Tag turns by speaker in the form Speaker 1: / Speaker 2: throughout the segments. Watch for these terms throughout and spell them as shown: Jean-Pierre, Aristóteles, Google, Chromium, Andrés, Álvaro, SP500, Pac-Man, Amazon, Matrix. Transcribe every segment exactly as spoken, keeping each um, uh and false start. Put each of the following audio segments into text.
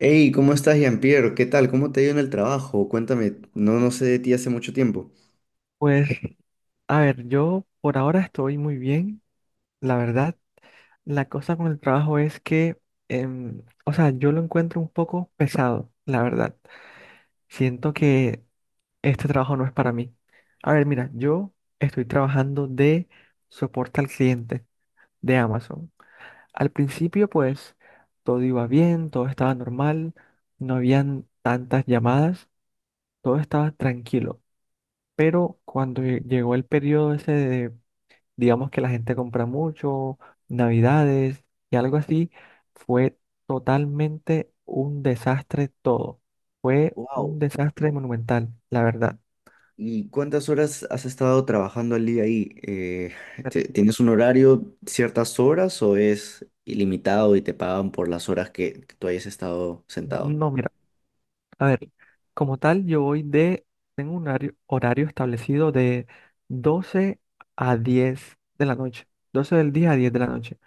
Speaker 1: Hey, ¿cómo estás, Jean-Pierre? ¿Qué tal? ¿Cómo te ha ido en el trabajo? Cuéntame, no, no sé de ti hace mucho tiempo.
Speaker 2: Pues, a ver, yo por ahora estoy muy bien, la verdad. La cosa con el trabajo es que, em, o sea, yo lo encuentro un poco pesado, la verdad. Siento que este trabajo no es para mí. A ver, mira, yo estoy trabajando de soporte al cliente de Amazon. Al principio, pues, todo iba bien, todo estaba normal, no habían tantas llamadas, todo estaba tranquilo. Pero cuando lle- llegó el periodo ese, digamos que la gente compra mucho, Navidades y algo así, fue totalmente un desastre todo. Fue un
Speaker 1: Wow.
Speaker 2: desastre monumental, la verdad.
Speaker 1: ¿Y cuántas horas has estado trabajando al día ahí? Eh,
Speaker 2: Pero,
Speaker 1: ¿te- tienes un horario, ciertas horas o es ilimitado y te pagan por las horas que, que tú hayas estado sentado?
Speaker 2: no, mira, a ver, como tal, yo voy de, tengo un horario, horario establecido de doce a diez de la noche, doce del día a diez de la noche.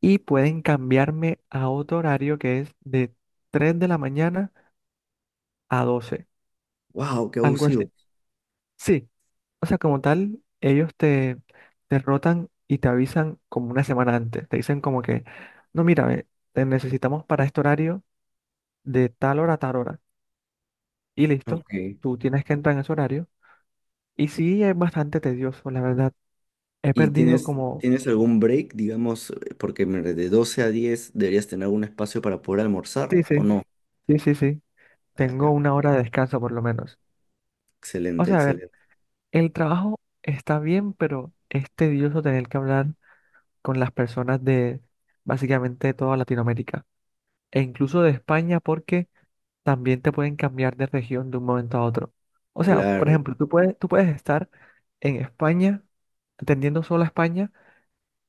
Speaker 2: Y pueden cambiarme a otro horario que es de tres de la mañana a doce,
Speaker 1: Wow, qué
Speaker 2: algo
Speaker 1: abusivo.
Speaker 2: así. Sí, o sea, como tal, ellos te, te rotan y te avisan como una semana antes. Te dicen como que, no, mira, ve, te necesitamos para este horario de tal hora a tal hora. Y listo,
Speaker 1: Ok.
Speaker 2: tú tienes que entrar en ese horario. Y sí, es bastante tedioso, la verdad. He
Speaker 1: ¿Y
Speaker 2: perdido
Speaker 1: tienes,
Speaker 2: como...
Speaker 1: tienes algún break, digamos, eh, porque me- de doce a diez deberías tener algún espacio para poder
Speaker 2: Sí,
Speaker 1: almorzar o
Speaker 2: sí,
Speaker 1: no?
Speaker 2: sí, sí, sí.
Speaker 1: Ah,
Speaker 2: Tengo
Speaker 1: ya.
Speaker 2: una hora de descanso por lo menos. O
Speaker 1: Excelente,
Speaker 2: sea, a ver,
Speaker 1: excelente.
Speaker 2: el trabajo está bien, pero es tedioso tener que hablar con las personas de básicamente toda Latinoamérica e incluso de España porque... también te pueden cambiar de región de un momento a otro. O sea, por
Speaker 1: Claro.
Speaker 2: ejemplo, tú puedes, tú puedes estar en España, atendiendo solo a España,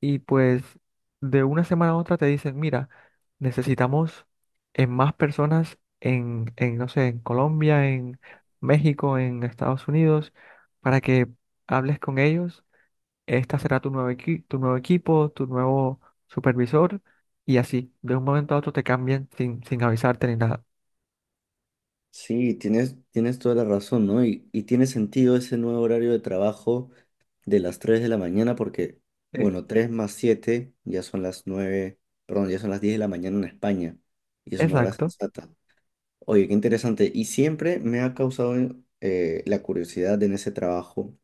Speaker 2: y pues de una semana a otra te dicen, mira, necesitamos en más personas en, en, no sé, en Colombia, en México, en Estados Unidos, para que hables con ellos. Esta será tu nuevo equi- tu nuevo equipo, tu nuevo supervisor, y así, de un momento a otro te cambian sin, sin avisarte ni nada.
Speaker 1: Sí, tienes, tienes toda la razón, ¿no? Y, y tiene sentido ese nuevo horario de trabajo de las tres de la mañana porque,
Speaker 2: Eh,
Speaker 1: bueno, tres más siete ya son las nueve, perdón, ya son las diez de la mañana en España y es una hora
Speaker 2: Exacto.
Speaker 1: sensata. Oye, qué interesante. Y siempre me ha causado eh, la curiosidad en ese trabajo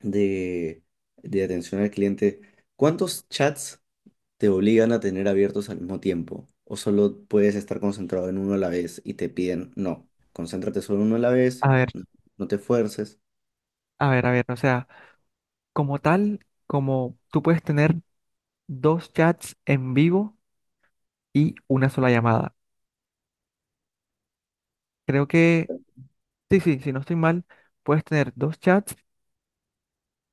Speaker 1: de, de atención al cliente. ¿Cuántos chats te obligan a tener abiertos al mismo tiempo? ¿O solo puedes estar concentrado en uno a la vez y te piden, no, concéntrate solo en uno a la
Speaker 2: A
Speaker 1: vez,
Speaker 2: ver,
Speaker 1: no, no te fuerces?
Speaker 2: a ver, a ver, o sea, como tal, como tú puedes tener dos chats en vivo y una sola llamada. Creo que, sí, sí, si no estoy mal, puedes tener dos chats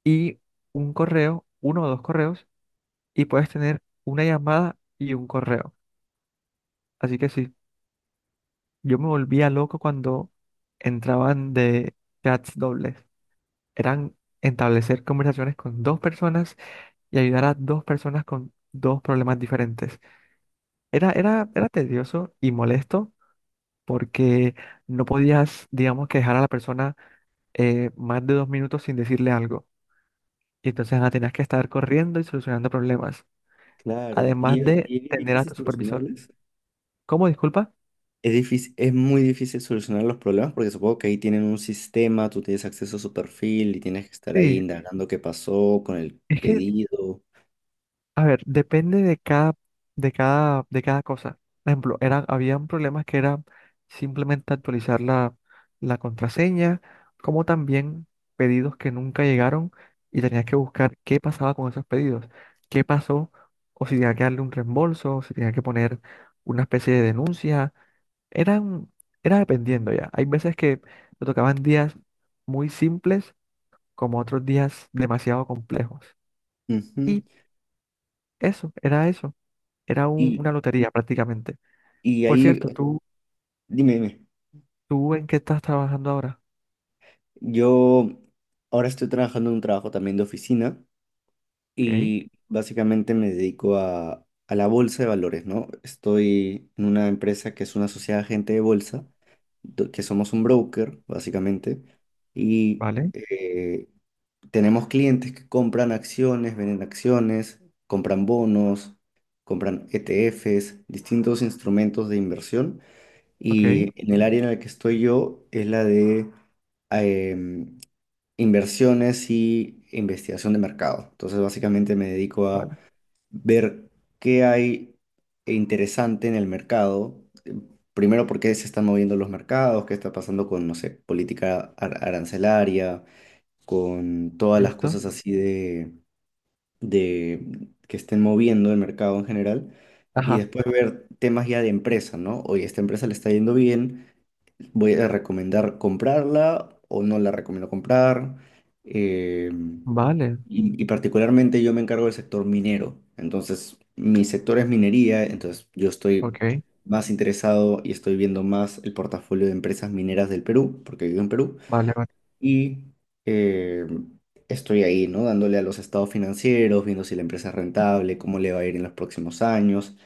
Speaker 2: y un correo, uno o dos correos, y puedes tener una llamada y un correo. Así que sí, yo me volvía loco cuando entraban de chats dobles. Eran establecer conversaciones con dos personas y ayudar a dos personas con dos problemas diferentes. Era, era, era tedioso y molesto porque no podías, digamos, que dejar a la persona eh, más de dos minutos sin decirle algo. Y entonces ah, tenías que estar corriendo y solucionando problemas.
Speaker 1: Claro,
Speaker 2: Además
Speaker 1: y es
Speaker 2: de
Speaker 1: y es bien
Speaker 2: tener a
Speaker 1: difícil
Speaker 2: tu supervisor.
Speaker 1: solucionarles.
Speaker 2: ¿Cómo? Disculpa.
Speaker 1: Es difícil, es muy difícil solucionar los problemas porque supongo que ahí tienen un sistema, tú tienes acceso a su perfil y tienes que estar ahí
Speaker 2: Sí,
Speaker 1: indagando qué pasó con el
Speaker 2: es que
Speaker 1: pedido.
Speaker 2: a ver, depende de cada, de cada, de cada cosa. Por ejemplo, eran, habían problemas que era simplemente actualizar la, la contraseña, como también pedidos que nunca llegaron y tenías que buscar qué pasaba con esos pedidos, qué pasó, o si tenía que darle un reembolso, o si tenía que poner una especie de denuncia. Eran, era dependiendo ya. Hay veces que me tocaban días muy simples, como otros días demasiado complejos. Y
Speaker 1: Ujú.
Speaker 2: eso, era eso. Era un-
Speaker 1: Y,
Speaker 2: una lotería prácticamente.
Speaker 1: y
Speaker 2: Por
Speaker 1: ahí,
Speaker 2: cierto, ¿tú,
Speaker 1: dime, dime,
Speaker 2: tú en qué estás trabajando ahora?
Speaker 1: yo ahora estoy trabajando en un trabajo también de oficina
Speaker 2: Ok,
Speaker 1: y básicamente me dedico a, a la bolsa de valores, ¿no? Estoy en una empresa que es una sociedad de agente de bolsa, do- que somos un broker, básicamente, y
Speaker 2: vale,
Speaker 1: eh, tenemos clientes que compran acciones, venden acciones, compran bonos, compran E T Efes, distintos instrumentos de inversión,
Speaker 2: ok,
Speaker 1: y en el área en la que estoy yo es la de em, inversiones y investigación de mercado. Entonces, básicamente me dedico a
Speaker 2: vale,
Speaker 1: ver qué hay interesante en el mercado. eh, Primero, por qué se están moviendo los mercados, qué está pasando con, no sé, política ar- arancelaria, con todas las
Speaker 2: listo.
Speaker 1: cosas así de, de que estén moviendo el mercado en general. Y
Speaker 2: Ajá,
Speaker 1: después ver temas ya de empresa, ¿no? Oye, esta empresa le está yendo bien, voy a recomendar comprarla o no la recomiendo comprar. eh,
Speaker 2: vale,
Speaker 1: y, y particularmente yo me encargo del sector minero. Entonces, mi sector es minería, entonces yo estoy
Speaker 2: ok,
Speaker 1: más interesado y estoy viendo más el portafolio de empresas mineras del Perú, porque vivo en Perú.
Speaker 2: vale, vale,
Speaker 1: Y eh, estoy ahí, ¿no? Dándole a los estados financieros, viendo si la empresa es rentable, cómo le va a ir en los próximos años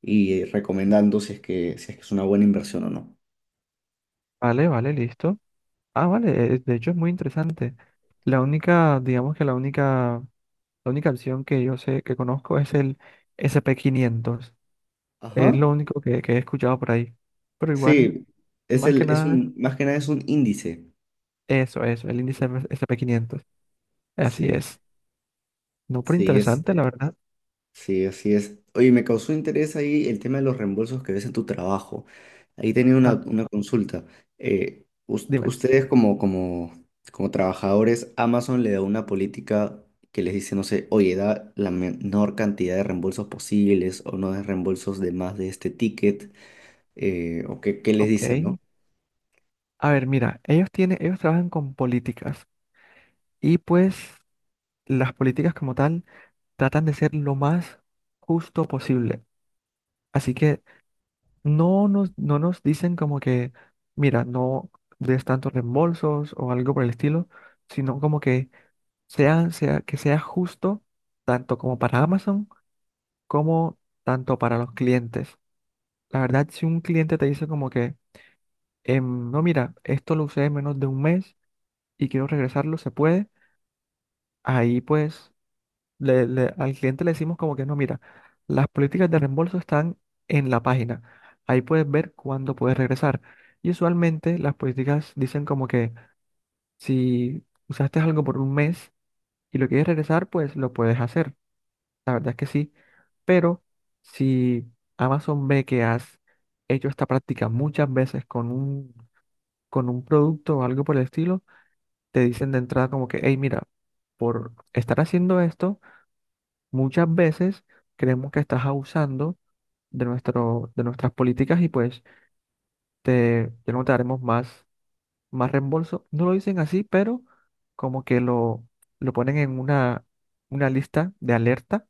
Speaker 1: y recomendando si es que, si es que es una buena inversión o no.
Speaker 2: vale, vale, listo. Ah, vale, eh, de hecho es muy interesante. La única, digamos que la única, la única opción que yo sé, que conozco es el S P quinientos. Es
Speaker 1: Ajá.
Speaker 2: lo único que, que he escuchado por ahí. Pero igual,
Speaker 1: Sí, es
Speaker 2: más que
Speaker 1: el, es
Speaker 2: nada,
Speaker 1: un, más que nada es un índice.
Speaker 2: eso, eso, el índice S P quinientos. Así
Speaker 1: Sí,
Speaker 2: es. No, pero
Speaker 1: sí es,
Speaker 2: interesante, la verdad.
Speaker 1: sí, así es. Oye, me causó interés ahí el tema de los reembolsos que ves en tu trabajo. Ahí tenía una,
Speaker 2: Ah,
Speaker 1: una consulta. Eh, us-
Speaker 2: dime.
Speaker 1: ustedes como, como, como trabajadores, Amazon le da una política que les dice, no sé, oye, da la menor cantidad de reembolsos posibles o no de reembolsos de más de este ticket, eh, o qué, qué les dicen,
Speaker 2: Ok.
Speaker 1: ¿no?
Speaker 2: A ver, mira, ellos tienen, ellos trabajan con políticas y pues las políticas como tal tratan de ser lo más justo posible. Así que no nos, no nos dicen como que, mira, no des tantos reembolsos o algo por el estilo, sino como que sea, sea, que sea justo tanto como para Amazon como tanto para los clientes. La verdad, si un cliente te dice como que, em, no, mira, esto lo usé menos de un mes y quiero regresarlo, se puede. Ahí pues le- le- al cliente le decimos como que no, mira, las políticas de reembolso están en la página. Ahí puedes ver cuándo puedes regresar. Y usualmente las políticas dicen como que si usaste algo por un mes y lo quieres regresar, pues lo puedes hacer. La verdad es que sí. Pero si Amazon ve que has hecho esta práctica muchas veces con un, con un producto o algo por el estilo, te dicen de entrada como que, hey, mira, por estar haciendo esto, muchas veces creemos que estás abusando de nuestro, de nuestras políticas y pues te, ya no te daremos más, más reembolso. No lo dicen así, pero como que lo, lo ponen en una, una lista de alerta,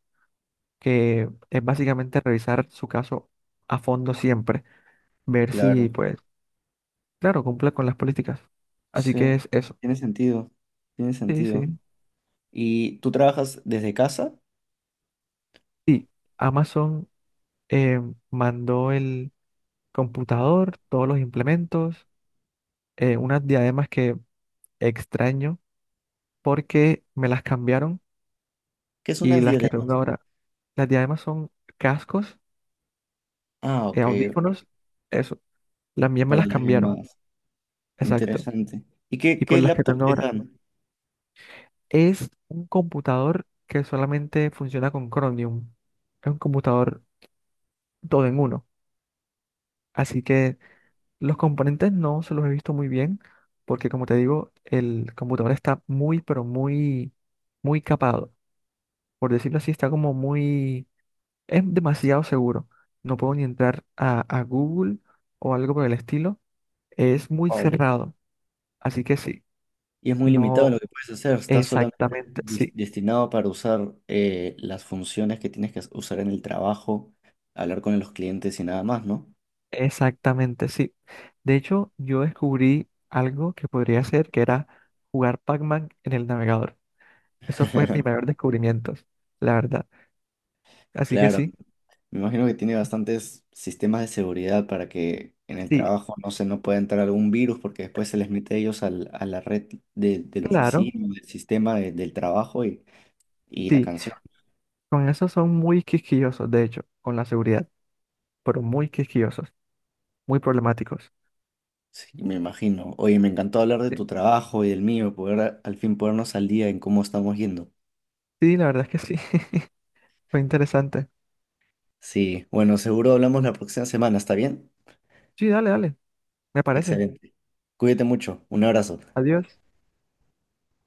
Speaker 2: que es básicamente revisar su caso a fondo siempre, ver si
Speaker 1: Claro,
Speaker 2: pues, claro, cumple con las políticas. Así
Speaker 1: sí,
Speaker 2: que es eso.
Speaker 1: tiene sentido, tiene
Speaker 2: Sí,
Speaker 1: sentido.
Speaker 2: sí.
Speaker 1: Y tú trabajas desde casa,
Speaker 2: Y Amazon eh, mandó el computador, todos los implementos, eh, unas diademas que extraño porque me las cambiaron,
Speaker 1: ¿qué son
Speaker 2: y
Speaker 1: unas
Speaker 2: las que
Speaker 1: diademas?
Speaker 2: tengo ahora, las diademas son cascos,
Speaker 1: Ah,
Speaker 2: eh,
Speaker 1: ok,
Speaker 2: audífonos, eso. Las mías me
Speaker 1: para
Speaker 2: las
Speaker 1: las
Speaker 2: cambiaron,
Speaker 1: llamadas.
Speaker 2: exacto.
Speaker 1: Interesante. ¿Y qué,
Speaker 2: Y
Speaker 1: qué
Speaker 2: pues las que
Speaker 1: laptop
Speaker 2: tengo
Speaker 1: les
Speaker 2: ahora
Speaker 1: dan?
Speaker 2: es un computador que solamente funciona con Chromium. Es un computador todo en uno. Así que los componentes no se los he visto muy bien porque como te digo, el computador está muy, pero muy, muy capado. Por decirlo así, está como muy... Es demasiado seguro. No puedo ni entrar a, a Google o algo por el estilo. Es muy
Speaker 1: Wow.
Speaker 2: cerrado. Así que sí,
Speaker 1: Y es muy limitado lo
Speaker 2: no
Speaker 1: que puedes hacer. Está solamente
Speaker 2: exactamente,
Speaker 1: dis-
Speaker 2: sí,
Speaker 1: destinado para usar eh, las funciones que tienes que usar en el trabajo, hablar con los clientes y nada más, ¿no?
Speaker 2: exactamente, sí. De hecho, yo descubrí algo que podría hacer, que era jugar Pac-Man en el navegador. Eso fue mi mayor descubrimiento, la verdad. Así que
Speaker 1: Claro.
Speaker 2: sí,
Speaker 1: Me imagino que tiene bastantes sistemas de seguridad para que en el
Speaker 2: sí,
Speaker 1: trabajo no se no pueda entrar algún virus porque después se les mete a ellos al- a la red de, de la
Speaker 2: claro,
Speaker 1: oficina, del sistema de- del trabajo y, y la
Speaker 2: sí.
Speaker 1: canción.
Speaker 2: Con eso son muy quisquillosos, de hecho, con la seguridad, pero muy quisquillosos, muy problemáticos.
Speaker 1: Sí, me imagino. Oye, me encantó hablar de
Speaker 2: Sí,
Speaker 1: tu trabajo y del mío, poder a- al fin ponernos al día en cómo estamos yendo.
Speaker 2: sí, la verdad es que sí. Fue interesante.
Speaker 1: Sí, bueno, seguro hablamos la próxima semana, ¿está bien?
Speaker 2: Sí, dale, dale. Me parece.
Speaker 1: Excelente. Cuídate mucho. Un abrazo.
Speaker 2: Adiós.